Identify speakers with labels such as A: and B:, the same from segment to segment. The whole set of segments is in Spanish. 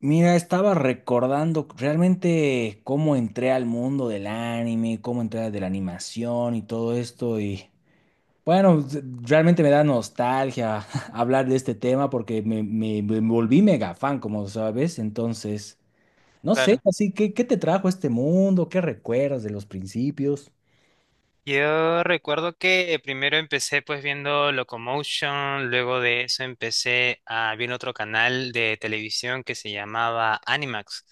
A: Mira, estaba recordando realmente cómo entré al mundo del anime, cómo entré de la animación y todo esto. Y bueno, realmente me da nostalgia hablar de este tema porque me volví mega fan, como sabes. Entonces, no sé,
B: Claro.
A: así que, ¿qué te trajo a este mundo? ¿Qué recuerdas de los principios?
B: Yo recuerdo que primero empecé pues viendo Locomotion, luego de eso empecé a ver otro canal de televisión que se llamaba Animax.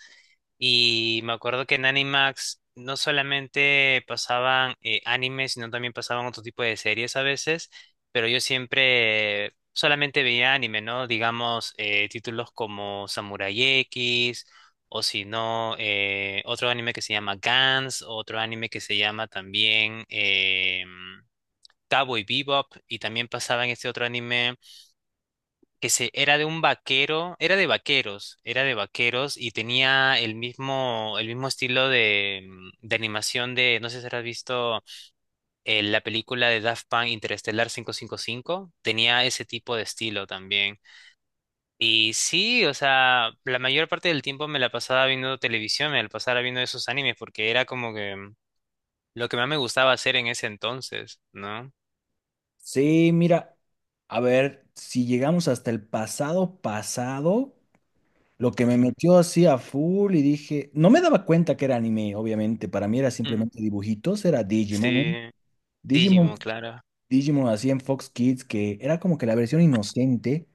B: Y me acuerdo que en Animax no solamente pasaban animes, sino también pasaban otro tipo de series a veces, pero yo siempre solamente veía anime, ¿no? Digamos, títulos como Samurai X. O si no, otro anime que se llama Gans, otro anime que se llama también Cowboy Bebop, y también pasaba en este otro anime era de un vaquero, era de vaqueros y tenía el mismo estilo de, de animación de, no sé si has visto la película de Daft Punk Interestelar 555, tenía ese tipo de estilo también. Y sí, o sea, la mayor parte del tiempo me la pasaba viendo televisión, me la pasaba viendo esos animes, porque era como que lo que más me gustaba hacer en ese entonces, ¿no?
A: Sí, mira, a ver, si llegamos hasta el pasado pasado. Lo que me
B: Ujú.
A: metió así a full y dije, no me daba cuenta que era anime, obviamente, para mí era
B: Mm.
A: simplemente dibujitos, era Digimon, ¿no?
B: Sí.
A: Digimon,
B: Digimon, claro.
A: Digimon así en Fox Kids, que era como que la versión inocente,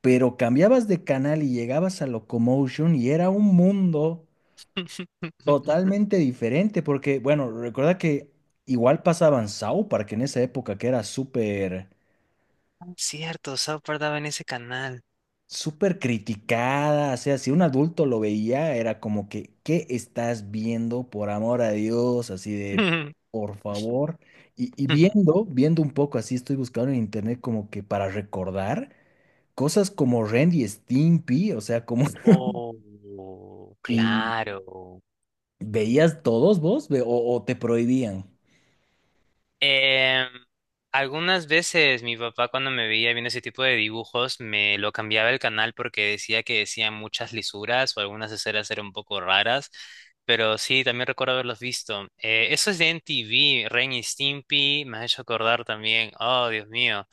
A: pero cambiabas de canal y llegabas a Locomotion y era un mundo totalmente diferente, porque, bueno, recuerda que igual pasaban South Park en esa época que era súper
B: Cierto, South Park daba en ese canal.
A: súper criticada, o sea, si un adulto lo veía, era como que, ¿qué estás viendo? Por amor a Dios, así de, por favor. Y viendo, viendo un poco así, estoy buscando en internet como que para recordar cosas como Ren y Stimpy, o sea, como…
B: Oh,
A: ¿Y
B: claro.
A: veías todos vos o te prohibían?
B: Em, algunas veces mi papá cuando me veía viendo ese tipo de dibujos me lo cambiaba el canal porque decía que decían muchas lisuras o algunas escenas eran un poco raras, pero sí, también recuerdo haberlos visto. Eso es de MTV, Ren y Stimpy, me ha hecho acordar también, oh Dios mío,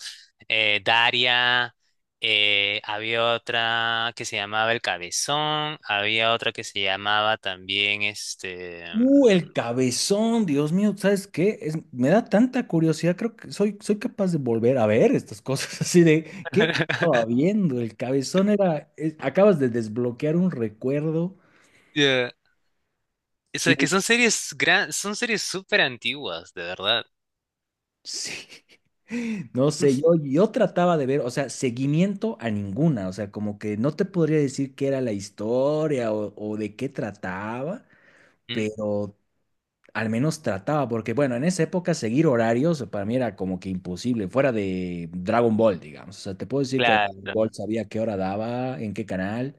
B: Daria, había otra que se llamaba El Cabezón, había otra que se llamaba también.
A: El cabezón, Dios mío, ¿sabes qué? Me da tanta curiosidad, creo que soy, soy capaz de volver a ver estas cosas así de, ¿qué estaba viendo? El cabezón era, acabas de desbloquear un recuerdo
B: Yeah. Eso es
A: y
B: que son series súper antiguas, de verdad.
A: sí, no sé, yo trataba de ver, o sea, seguimiento a ninguna, o sea, como que no te podría decir qué era la historia o de qué trataba,
B: Mm.
A: pero al menos trataba, porque bueno, en esa época seguir horarios para mí era como que imposible, fuera de Dragon Ball, digamos. O sea, te puedo decir que Dragon
B: Claro.
A: Ball sabía qué hora daba, en qué canal,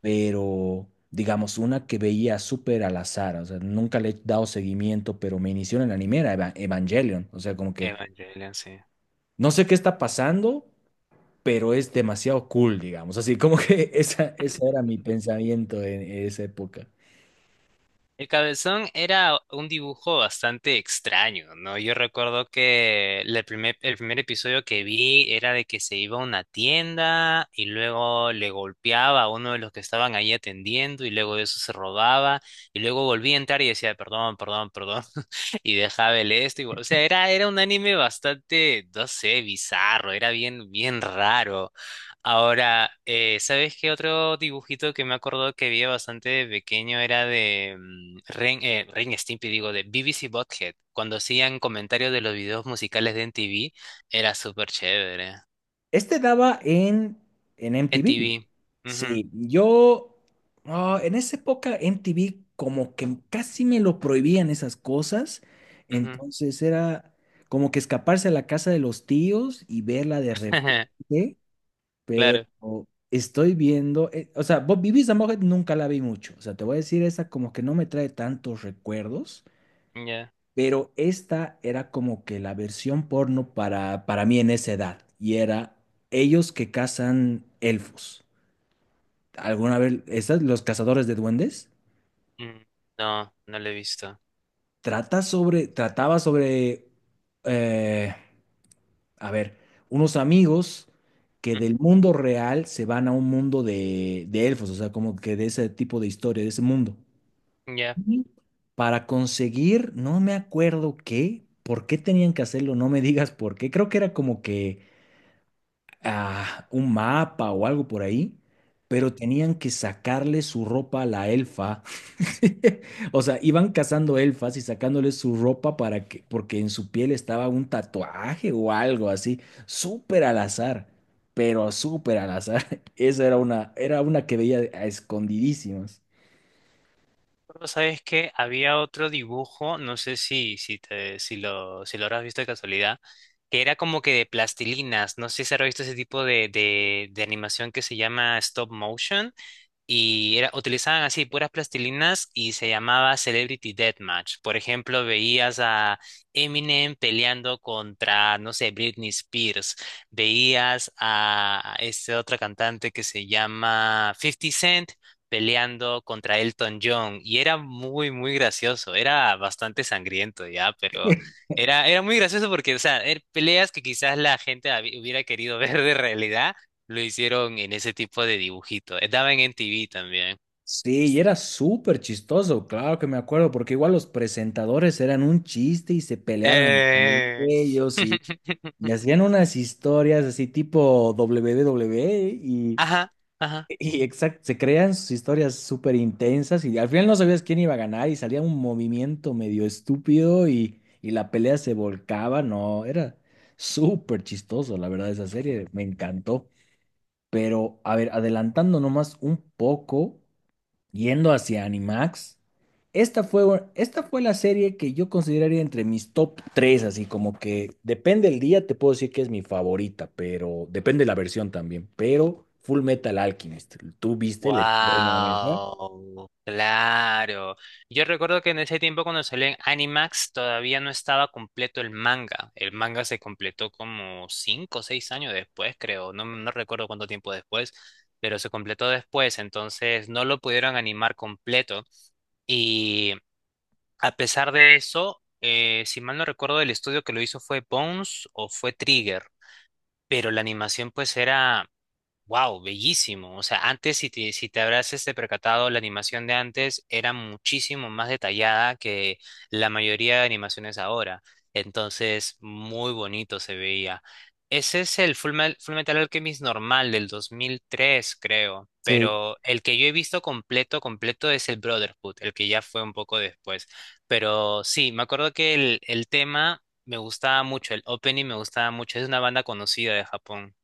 A: pero digamos, una que veía súper al azar, o sea, nunca le he dado seguimiento, pero me inició en el anime, era Evangelion. O sea, como que
B: Evangelion, sí.
A: no sé qué está pasando, pero es demasiado cool, digamos. Así como que esa, ese era mi pensamiento en esa época.
B: El cabezón era un dibujo bastante extraño, ¿no? Yo recuerdo que el primer episodio que vi era de que se iba a una tienda y luego le golpeaba a uno de los que estaban ahí atendiendo y luego de eso se robaba y luego volvía a entrar y decía, perdón, perdón, perdón, y dejaba el esto. O sea, era un anime bastante, no sé, bizarro, era bien, bien raro. Ahora, ¿sabes qué otro dibujito que me acuerdo que vi bastante de pequeño era de Ren, Ren y Stimpy, digo, de BBC Bothead? Cuando hacían comentarios de los videos musicales de MTV, era súper chévere.
A: Este daba en MTV.
B: MTV. Ujú,
A: Sí, yo ah, en esa época MTV como que casi me lo prohibían esas cosas.
B: ujú.
A: Entonces era como que escaparse a la casa de los tíos y verla de repente. Pero
B: Claro,
A: estoy viendo, o sea, Bob Bibi Mujer nunca la vi mucho. O sea, te voy a decir, esa como que no me trae tantos recuerdos.
B: ya.
A: Pero esta era como que la versión porno para mí en esa edad. Y era ellos que cazan elfos. ¿Alguna vez, estas, los cazadores de duendes?
B: Mm. No, no lo he visto.
A: Trata sobre, trataba sobre, eh, a ver, unos amigos que
B: Ujú.
A: del mundo real se van a un mundo de elfos. O sea, como que de ese tipo de historia, de ese mundo.
B: Ya. Mm.
A: Ujú. Para conseguir, no me acuerdo qué, por qué tenían que hacerlo, no me digas por qué. Creo que era como que ah, un mapa o algo por ahí, pero tenían que sacarle su ropa a la elfa. O sea, iban cazando elfas y sacándole su ropa para que, porque en su piel estaba un tatuaje o algo así, súper al azar, pero súper al azar. Esa era una que veía a escondidísimas.
B: Pero sabes que había otro dibujo, no sé si lo habrás visto de casualidad, que era como que de plastilinas. No sé si habrás visto ese tipo de animación que se llama stop motion. Utilizaban así puras plastilinas y se llamaba Celebrity Deathmatch. Por ejemplo, veías a Eminem peleando contra, no sé, Britney Spears. Veías a este otro cantante que se llama Fifty Cent peleando contra Elton John. Y era muy, muy gracioso. Era bastante sangriento ya, pero era muy gracioso porque, o sea, peleas que quizás la gente hubiera querido ver de realidad lo hicieron en ese tipo de dibujito. Daban en TV también.
A: Sí, y era súper chistoso, claro que me acuerdo, porque igual los presentadores eran un chiste y se peleaban
B: Eh,
A: entre ellos. y Y hacían unas historias así tipo WWE y,
B: Ajá, ajá.
A: y exact- se crean sus historias súper intensas y al final no sabías quién iba a ganar y salía un movimiento medio estúpido y la pelea se volcaba. No, era súper chistoso, la verdad, esa serie me encantó. Pero, a ver, adelantando nomás un poco. Yendo hacia Animax, esta fue, esta fue la serie que yo consideraría entre mis top 3 así como que depende el día, te puedo decir que es mi favorita, pero depende la versión también. Pero Full Metal Alchemist, ¿tú viste el estreno en esa?
B: Wow, claro. Yo recuerdo que en ese tiempo cuando salió en Animax todavía no estaba completo el manga. El manga se completó como 5 o 6 años después, creo. No, no recuerdo cuánto tiempo después, pero se completó después. Entonces no lo pudieron animar completo. Y, a pesar de eso, si mal no recuerdo, el estudio que lo hizo fue Bones o fue Trigger, pero la animación pues era wow, bellísimo. O sea, antes, si te habrás este percatado, la animación de antes era muchísimo más detallada que la mayoría de animaciones ahora. Entonces, muy bonito se veía. Ese es el Full Metal Alchemist normal del 2003, creo.
A: Sí.
B: Pero el que yo he visto completo, completo es el Brotherhood, el que ya fue un poco después. Pero sí, me acuerdo que el tema me gustaba mucho, el opening me gustaba mucho. Es una banda conocida de Japón,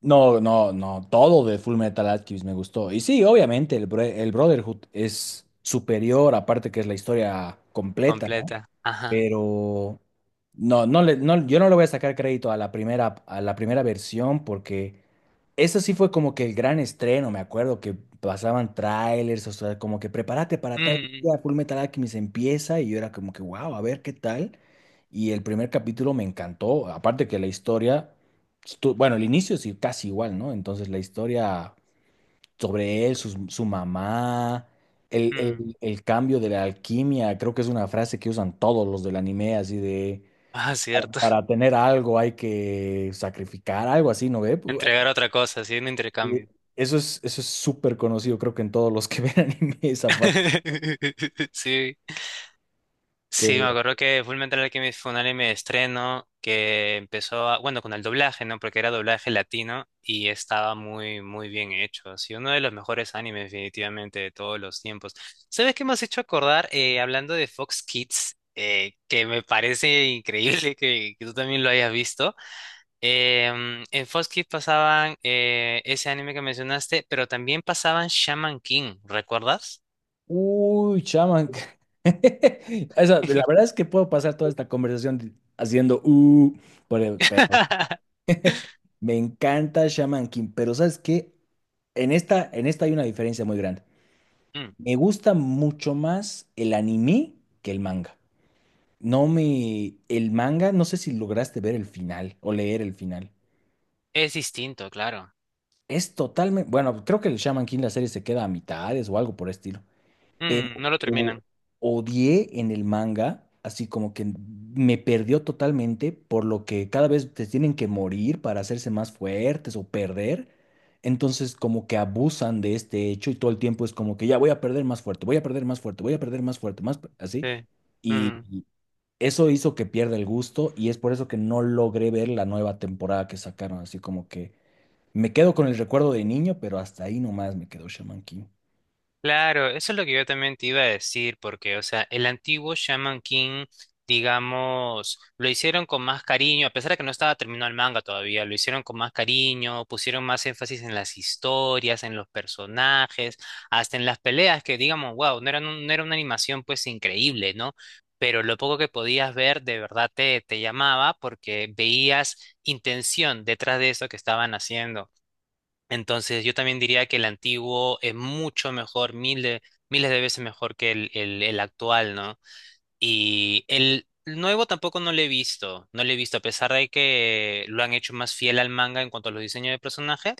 A: No, no, no, todo de Full Metal Alchemist me gustó. Y sí, obviamente, el, el Brotherhood es superior, aparte que es la historia completa, ¿no?
B: completa. Ajá.
A: Pero no, no le, no, yo no le voy a sacar crédito a la primera versión porque eso sí fue como que el gran estreno, me acuerdo que pasaban trailers, o sea, como que prepárate para tal
B: Mm,
A: día, Full Metal Alchemist empieza y yo era como que, wow, a ver qué tal. Y el primer capítulo me encantó, aparte que la historia, bueno, el inicio sí casi igual, ¿no? Entonces la historia sobre él, mamá,
B: mm.
A: el cambio de la alquimia, creo que es una frase que usan todos los del anime, así de,
B: Ah, cierto.
A: para tener algo hay que sacrificar, algo así, ¿no ve?
B: Entregar otra cosa, así un
A: Eh,
B: intercambio.
A: Eso es súper conocido, creo que en todos los que ven anime esa frase.
B: Sí, sí, me
A: pero-
B: acuerdo que Full Metal Alchemist fue un anime de estreno que empezó, bueno, con el doblaje, ¿no? Porque era doblaje latino y estaba muy, muy bien hecho. Sí, uno de los mejores animes definitivamente de todos los tiempos. ¿Sabes qué me has hecho acordar? Hablando de Fox Kids, que me parece increíble que, tú también lo hayas visto. En Fox Kids pasaban ese anime que mencionaste, pero también pasaban Shaman King, ¿recuerdas?
A: Uy, chaman. La verdad es que puedo pasar toda esta conversación haciendo, pero me encanta Shaman King, pero ¿sabes qué? En esta hay una diferencia muy grande.
B: Mm,
A: Me gusta mucho más el anime que el manga. No me… El manga, no sé si lograste ver el final o leer el final.
B: es distinto, claro.
A: Es totalmente… Bueno, creo que el Shaman King, la serie se queda a mitades o algo por el estilo. Pero
B: Mm, no lo
A: o-
B: terminan.
A: odié en el manga, así como que me perdió totalmente, por lo que cada vez te tienen que morir para hacerse más fuertes o perder. Entonces como que abusan de este hecho y todo el tiempo es como que ya voy a perder más fuerte, voy a perder más fuerte, voy a perder más fuerte, así.
B: Sí.
A: Y
B: Mm.
A: eso hizo que pierda el gusto y es por eso que no logré ver la nueva temporada que sacaron. Así como que me quedo con el recuerdo de niño, pero hasta ahí nomás me quedó Shaman King.
B: Claro, eso es lo que yo también te iba a decir, porque, o sea, el antiguo Shaman King, digamos, lo hicieron con más cariño, a pesar de que no estaba terminado el manga todavía, lo hicieron con más cariño, pusieron más énfasis en las historias, en los personajes, hasta en las peleas, que digamos, wow, no era, no era una animación pues increíble, ¿no? Pero lo poco que podías ver de verdad te llamaba porque veías intención detrás de eso que estaban haciendo. Entonces, yo también diría que el antiguo es mucho mejor, miles, miles de veces mejor que el actual, ¿no? Y el nuevo tampoco no lo he visto, no lo he visto, a pesar de que lo han hecho más fiel al manga en cuanto a los diseños de personajes,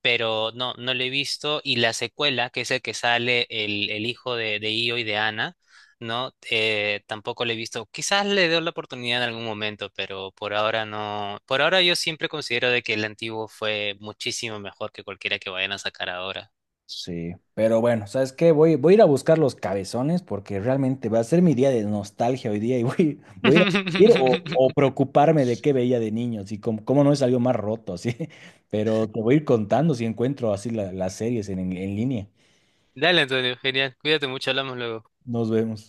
B: pero no, no lo he visto. Y la secuela, que es el que sale el hijo de Io y de Ana, ¿no? Tampoco lo he visto. Quizás le dé la oportunidad en algún momento, pero por ahora no. Por ahora yo siempre considero de que el antiguo fue muchísimo mejor que cualquiera que vayan a sacar ahora.
A: Sí, pero bueno, ¿sabes qué? Voy, voy a ir a buscar los cabezones porque realmente va a ser mi día de nostalgia hoy día y voy, voy a ir o preocuparme de qué veía de niño, así como, cómo no es algo más roto, así. Pero te voy a ir contando si encuentro así las series en en línea.
B: Dale, Antonio, genial. Cuídate mucho, hablamos luego.
A: Nos vemos.